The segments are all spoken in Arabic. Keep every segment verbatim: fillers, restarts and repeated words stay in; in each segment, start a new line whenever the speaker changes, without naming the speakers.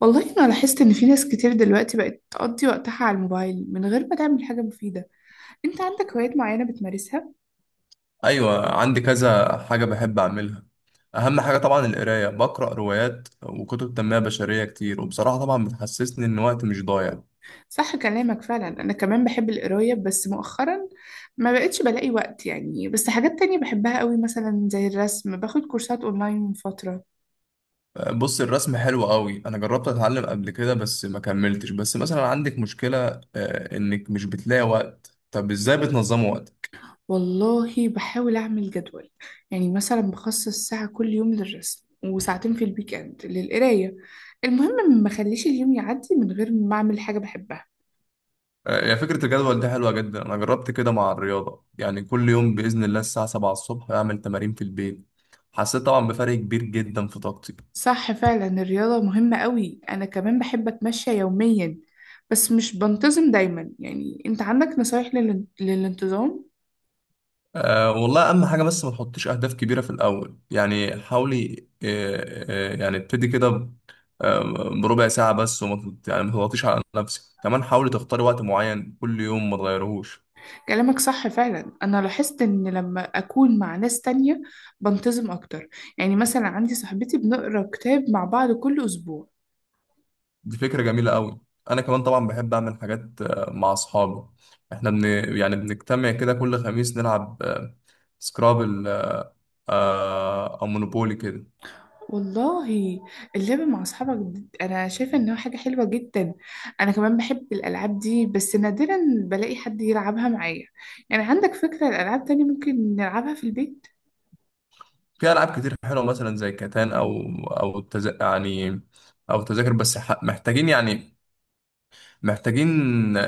والله أنا لاحظت إن في ناس كتير دلوقتي بقت تقضي وقتها على الموبايل من غير ما تعمل حاجة مفيدة. أنت عندك هوايات معينة بتمارسها؟
ايوه، عندي كذا حاجه بحب اعملها. اهم حاجه طبعا القرايه، بقرا روايات وكتب تنميه بشريه كتير، وبصراحه طبعا بتحسسني ان وقتي مش ضايع.
صح كلامك فعلا، أنا كمان بحب القراية بس مؤخرا ما بقتش بلاقي وقت، يعني بس حاجات تانية بحبها قوي، مثلا زي الرسم، باخد كورسات أونلاين من فترة.
بص، الرسم حلو قوي. انا جربت اتعلم قبل كده بس ما كملتش. بس مثلا عندك مشكله آه، انك مش بتلاقي وقت. طب ازاي بتنظموا وقتك؟
والله بحاول أعمل جدول، يعني مثلا بخصص ساعة كل يوم للرسم وساعتين في الويك إند للقراية. المهم ما اخليش اليوم يعدي من غير ما أعمل حاجة بحبها.
آه، هي فكره الجدول دي حلوه جدا. انا جربت كده مع الرياضه، يعني كل يوم باذن الله الساعه سبعة الصبح اعمل تمارين في البيت. حسيت طبعا بفرق كبير جدا في طاقتي.
صح فعلا، الرياضة مهمة قوي، أنا كمان بحب أتمشى يوميا بس مش بنتظم دايما. يعني أنت عندك نصايح لل... للانتظام؟
أه والله، أهم حاجة بس ما تحطيش أهداف كبيرة في الأول، يعني حاولي أه أه يعني ابتدي كده ب- آه، بربع ساعة بس، وما تض- يعني ما تضغطيش على نفسك. كمان حاولي تختاري وقت معين كل يوم ما تغيرهوش.
كلامك صح فعلا، أنا لاحظت إن لما أكون مع ناس تانية بنتظم أكتر، يعني مثلا عندي صاحبتي بنقرأ كتاب مع بعض كل أسبوع.
دي فكرة جميلة أوي. أنا كمان طبعا بحب أعمل حاجات آه، مع أصحابي. إحنا بن يعني بنجتمع كده كل خميس، نلعب آه، سكرابل آه، أو مونوبولي كده.
والله اللعب مع أصحابك د- أنا شايفة إنها حاجة حلوة جدا، أنا كمان بحب الألعاب دي بس نادرا بلاقي حد يلعبها معايا. يعني عندك فكرة الألعاب تانية ممكن نلعبها في البيت؟
في ألعاب كتير حلوة، مثلا زي كاتان أو أو التز... يعني أو تذاكر. بس ح- محتاجين يعني محتاجين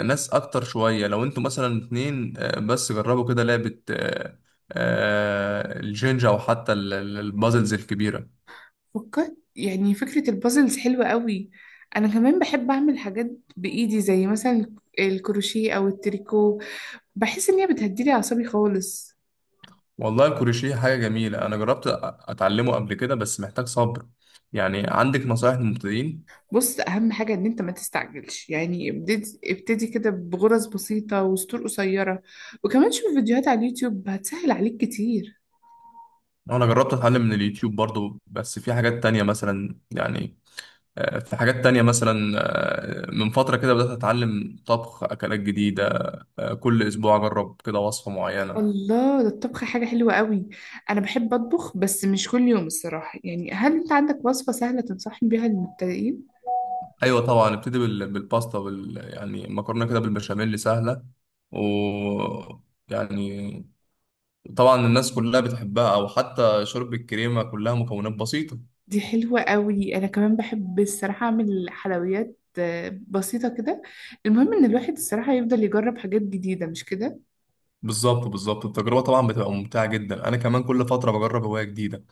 ناس اكتر شوية. لو انتوا مثلا اتنين آه، بس جربوا كده لعبة آه، آه، الجينجا، او حتى ال- ال- البازلز الكبيرة.
فكرت، يعني فكرة البازلز حلوة قوي. أنا كمان بحب أعمل حاجات بإيدي، زي مثلا الكروشيه أو التريكو، بحس إن هي بتهديلي أعصابي خالص.
والله، الكروشيه حاجة جميلة. انا جربت أ- اتعلمه قبل كده بس محتاج صبر. يعني عندك نصايح للمبتدئين؟
بص، أهم حاجة إن أنت ما تستعجلش، يعني ابتدي ابتدي كده بغرز بسيطة وسطور قصيرة، وكمان شوف فيديوهات على اليوتيوب هتسهل عليك كتير.
انا جربت اتعلم من اليوتيوب برضو، بس في حاجات تانية مثلا يعني آه، في حاجات تانية مثلا. آه، من فترة كده بدأت أتعلم طبخ أكلات جديدة، آه، كل أسبوع أجرب كده وصفة معينة.
الله، ده الطبخ حاجة حلوة قوي، أنا بحب أطبخ بس مش كل يوم الصراحة. يعني هل أنت عندك وصفة سهلة تنصحني بيها للمبتدئين؟
ايوه طبعا، ابتدي بال- بالباستا بال... يعني مكرونه كده بالبشاميل سهله. و يعني طبعا الناس كلها بتحبها، او حتى شرب الكريمه، كلها مكونات بسيطه.
دي حلوة قوي، أنا كمان بحب الصراحة أعمل حلويات آه، بسيطة كده. المهم إن الواحد الصراحة يفضل يجرب حاجات جديدة، مش كده؟
بالظبط بالظبط. التجربه طبعا بتبقى ممتعه جدا. انا كمان كل فتره بجرب هوايه جديده.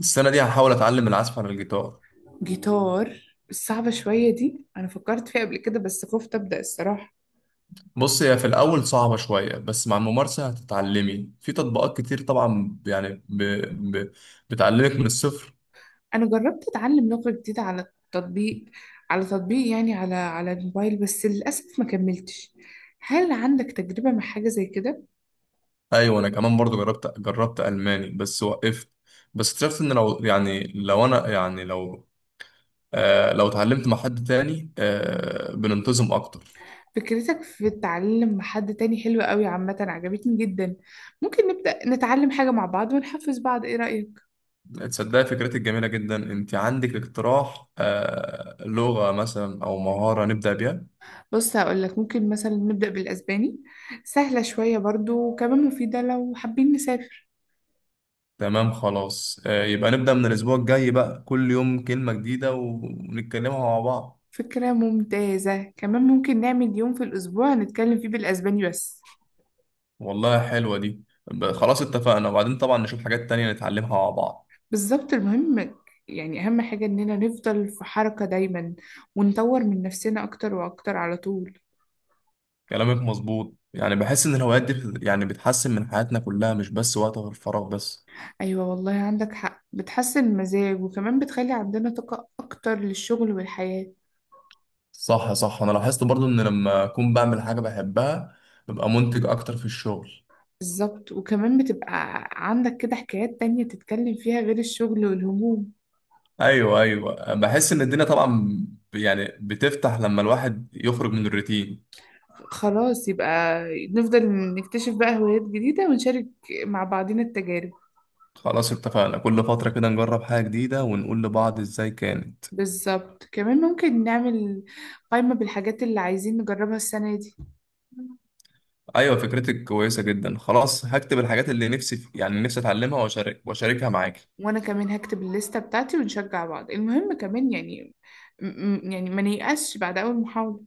السنه دي هحاول اتعلم العزف على الجيتار.
جيتار، الصعبة شوية دي، أنا فكرت فيها قبل كده بس خفت أبدأ الصراحة.
بص، هي في الاول صعبه شويه، بس مع الممارسه هتتعلمي. في تطبيقات كتير طبعا يعني ب... ب... بتعلمك من الصفر.
أنا جربت أتعلم لغة جديدة على التطبيق، على تطبيق يعني على على الموبايل بس للأسف ما كملتش. هل عندك تجربة مع حاجة زي كده؟
ايوه، انا كمان برضو جربت جربت الماني بس وقفت. بس اكتشفت ان لو يعني لو انا يعني لو آه لو اتعلمت مع حد تاني، آه بننتظم اكتر.
فكرتك في التعلم مع حد تاني حلوة قوي، عامة عجبتني جدا. ممكن نبدأ نتعلم حاجة مع بعض ونحفز بعض، إيه رأيك؟
تصدقي؟ فكرتك جميله جدا. انت عندك اقتراح آه لغه مثلا او مهاره نبدا بيها؟
بص هقولك، ممكن مثلا نبدأ بالأسباني، سهلة شوية برضو وكمان مفيدة لو حابين نسافر.
تمام، خلاص. آه يبقى نبدا من الاسبوع الجاي بقى، كل يوم كلمه جديده ونتكلمها مع بعض.
فكرة ممتازة، كمان ممكن نعمل يوم في الأسبوع هنتكلم فيه بالأسباني بس.
والله حلوه دي. ب- خلاص، اتفقنا. وبعدين طبعا نشوف حاجات تانية نتعلمها مع بعض.
بالظبط، المهم يعني أهم حاجة إننا نفضل في حركة دايما، ونطور من نفسنا أكتر وأكتر على طول.
كلامك مظبوط. يعني بحس ان الهوايات دي بت- يعني بتحسن من حياتنا كلها، مش بس وقت الفراغ بس.
أيوة والله عندك حق، بتحسن المزاج وكمان بتخلي عندنا طاقة أكتر للشغل والحياة.
صح صح، انا لاحظت برضو ان لما اكون بعمل حاجة بحبها، ببقى منتج اكتر في الشغل.
بالظبط، وكمان بتبقى عندك كده حكايات تانية تتكلم فيها غير الشغل والهموم.
ايوه ايوه، بحس ان الدنيا طبعا ب- يعني بتفتح لما الواحد يخرج من الروتين.
خلاص يبقى نفضل نكتشف بقى هوايات جديدة ونشارك مع بعضنا التجارب.
خلاص، اتفقنا. كل فترة كده نجرب حاجة جديدة ونقول لبعض ازاي كانت.
بالظبط، كمان ممكن نعمل قائمة بالحاجات اللي عايزين نجربها السنة دي.
ايوه، فكرتك كويسة جدا. خلاص، هكتب الحاجات اللي نفسي يعني نفسي اتعلمها، واشارك واشاركها معاك.
وأنا كمان هكتب الليستة بتاعتي ونشجع بعض. المهم كمان يعني م- م- يعني ما نيأسش بعد أول محاولة.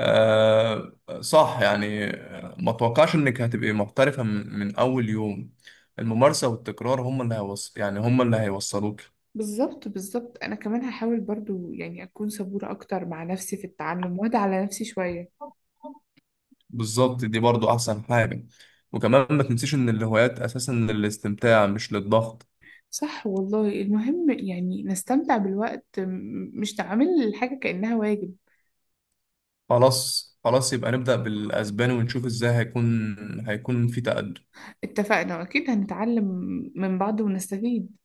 آه، صح. يعني آه، ما توقعش انك هتبقي محترفة من, من اول يوم. الممارسة والتكرار هم اللي هيوص... يعني هم اللي هيوصلوك.
بالظبط بالظبط، أنا كمان هحاول برضو يعني أكون صبورة أكتر مع نفسي في التعلم، وأدعى على نفسي شوية.
بالظبط، دي برضو احسن حاجة. وكمان ما تنسيش ان الهوايات اساسا للاستمتاع، مش للضغط.
صح والله، المهم يعني نستمتع بالوقت، م- مش نعمل الحاجة كأنها واجب.
خلاص خلاص، يبقى نبدأ بالاسباني ونشوف ازاي هيكون هيكون في تقدم.
اتفقنا، واكيد هنتعلم من بعض ونستفيد.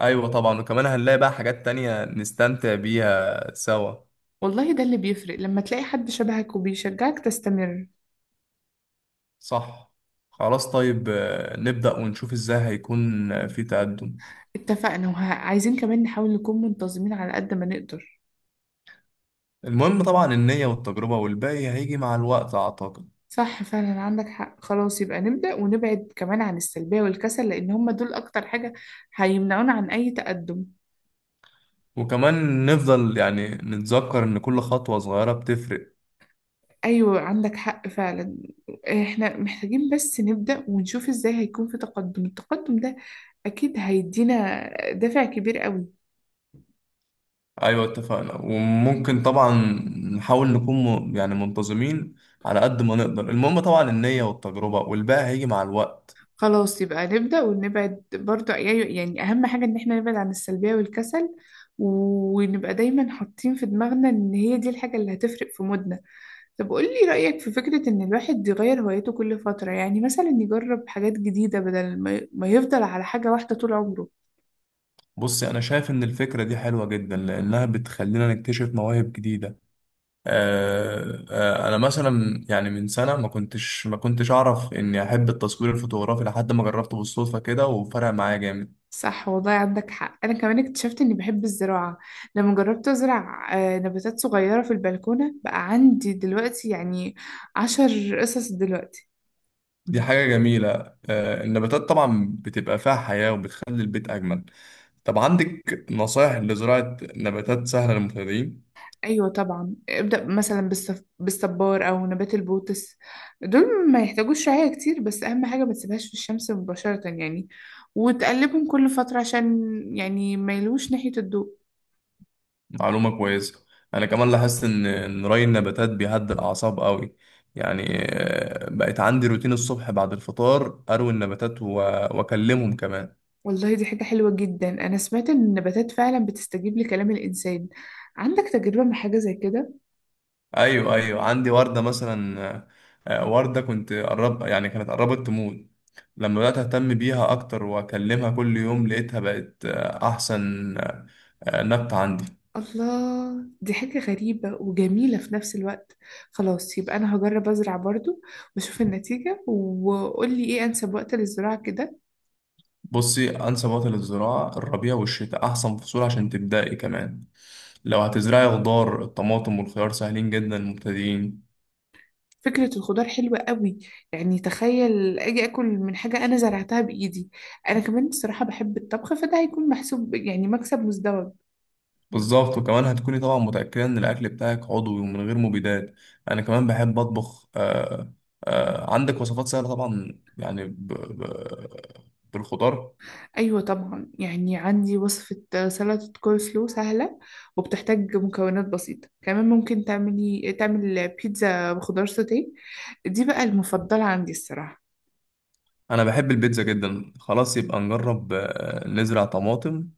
ايوه طبعا، وكمان هنلاقي بقى حاجات تانية نستمتع بيها سوا.
والله ده اللي بيفرق، لما تلاقي حد شبهك وبيشجعك تستمر.
صح. خلاص، طيب. آه، نبدأ ونشوف ازاي هيكون آه، في تقدم.
اتفقنا، وعايزين كمان نحاول نكون منتظمين على قد ما نقدر.
المهم طبعا النية والتجربة، والباقي هيجي مع الوقت أعتقد.
صح فعلا عندك حق، خلاص يبقى نبدأ ونبعد كمان عن السلبية والكسل، لأن هما دول أكتر حاجة هيمنعونا عن أي تقدم.
وكمان نفضل يعني نتذكر إن كل خطوة صغيرة بتفرق.
أيوة عندك حق فعلا، احنا محتاجين بس نبدأ ونشوف ازاي هيكون في تقدم. التقدم ده أكيد هيدينا دافع كبير قوي.
أيوة، اتفقنا. وممكن طبعا نحاول نكون م- يعني منتظمين على قد ما نقدر. المهم طبعا النية والتجربة، والباقي هيجي مع الوقت.
خلاص يبقى نبدأ ونبعد برضه، يعني يعني أهم حاجة إن احنا نبعد عن السلبية والكسل، ونبقى دايما حاطين في دماغنا إن هي دي الحاجة اللي هتفرق في مودنا. طب قولي رأيك في فكرة إن الواحد يغير هوايته كل فترة، يعني مثلا يجرب حاجات جديدة بدل ما ي- ما يفضل على حاجة واحدة طول عمره.
بصي، أنا شايف إن الفكرة دي حلوة جدا لأنها بتخلينا نكتشف مواهب جديدة. آه، آه، أنا مثلا يعني من سنة ما كنتش ما كنتش أعرف إني أحب التصوير الفوتوغرافي، لحد ما جربته بالصدفة كده وفرق معايا جامد.
صح والله عندك حق، أنا كمان اكتشفت إني بحب الزراعة لما جربت أزرع آه، نباتات صغيرة في البلكونة، بقى عندي دلوقتي يعني عشر قصص دلوقتي.
دي حاجة جميلة. آه، النباتات طبعا بتبقى فيها حياة وبتخلي البيت أجمل. طب عندك نصائح لزراعة نباتات سهلة للمبتدئين؟
ايوه طبعا، ابدأ مثلا بالصف... بالصبار او نبات البوتس، دول ما يحتاجوش رعاية كتير. بس اهم حاجة ما تسيبهاش في الشمس مباشرة، يعني وتقلبهم كل فترة عشان يعني ما يلوش ناحية الضوء.
معلومة كويسة. أنا كمان لاحظت إن إن ري النباتات بيهدي الأعصاب قوي. يعني آه، بقت عندي روتين الصبح، بعد الفطار أروي النباتات و- وأكلمهم كمان.
والله دي حاجة حلوة جدا، انا سمعت ان النباتات فعلا بتستجيب لكلام الانسان. عندك تجربة مع حاجة زي كده؟
أيوه أيوه، عندي وردة مثلا. آه، آه، وردة كنت قرب يعني كانت قربت تموت. لما بدأت أهتم بيها أكتر وأكلمها كل يوم، لقيتها بقت آه، أحسن آه، آه، نبتة عندي.
الله، دي حاجة غريبة وجميلة في نفس الوقت. خلاص يبقى انا هجرب ازرع برضو واشوف النتيجة. وقولي ايه انسب وقت للزراعة كده؟
بصي، أنسب وقت للزراعة الربيع والشتاء، أحسن فصول عشان تبدأي. كمان لو هتزرعي خضار، الطماطم والخيار سهلين جدا للمبتدئين.
فكرة الخضار حلوة قوي، يعني تخيل أجي أكل من حاجة أنا زرعتها بإيدي. أنا كمان الصراحة بحب الطبخ، فده هيكون محسوب، يعني مكسب مزدوج.
بالظبط، وكمان هتكوني طبعا متأكدة إن الأكل بتاعك عضوي ومن غير مبيدات. أنا كمان بحب أطبخ. آه آه عندك وصفات سهلة طبعا يعني ب... ب... بالخضار؟
أيوة طبعا، يعني عندي وصفة سلطة كول سلو سهلة وبتحتاج مكونات بسيطة. كمان ممكن تعملي تعمل بيتزا بخضار سوتيه، دي بقى المفضلة عندي الصراحة.
انا بحب البيتزا جدا. خلاص، يبقى نجرب آه، نزرع طماطم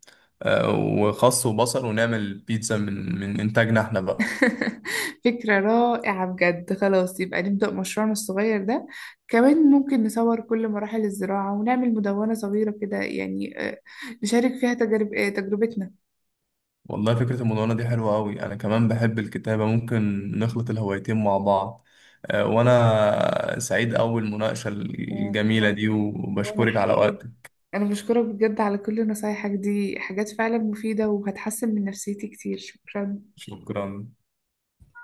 آه، وخس وبصل، ونعمل بيتزا من من انتاجنا احنا بقى.
فكرة رائعة بجد، خلاص يبقى نبدأ مشروعنا الصغير ده. كمان ممكن نصور كل مراحل الزراعة ونعمل مدونة صغيرة كده، يعني آه، نشارك فيها تجارب آه، تجربتنا.
والله، فكرة المدونة دي حلوة قوي. انا كمان بحب الكتابة، ممكن نخلط الهوايتين مع بعض. آه، وانا سعيد اول مناقشة
و...
الجميلة
و...
دي،
وأنا
وبشكرك على
حقيقي
وقتك.
أنا بشكرك بجد على كل نصايحك، دي حاجات فعلا مفيدة وهتحسن من نفسيتي كتير. شكرا.
شكرا.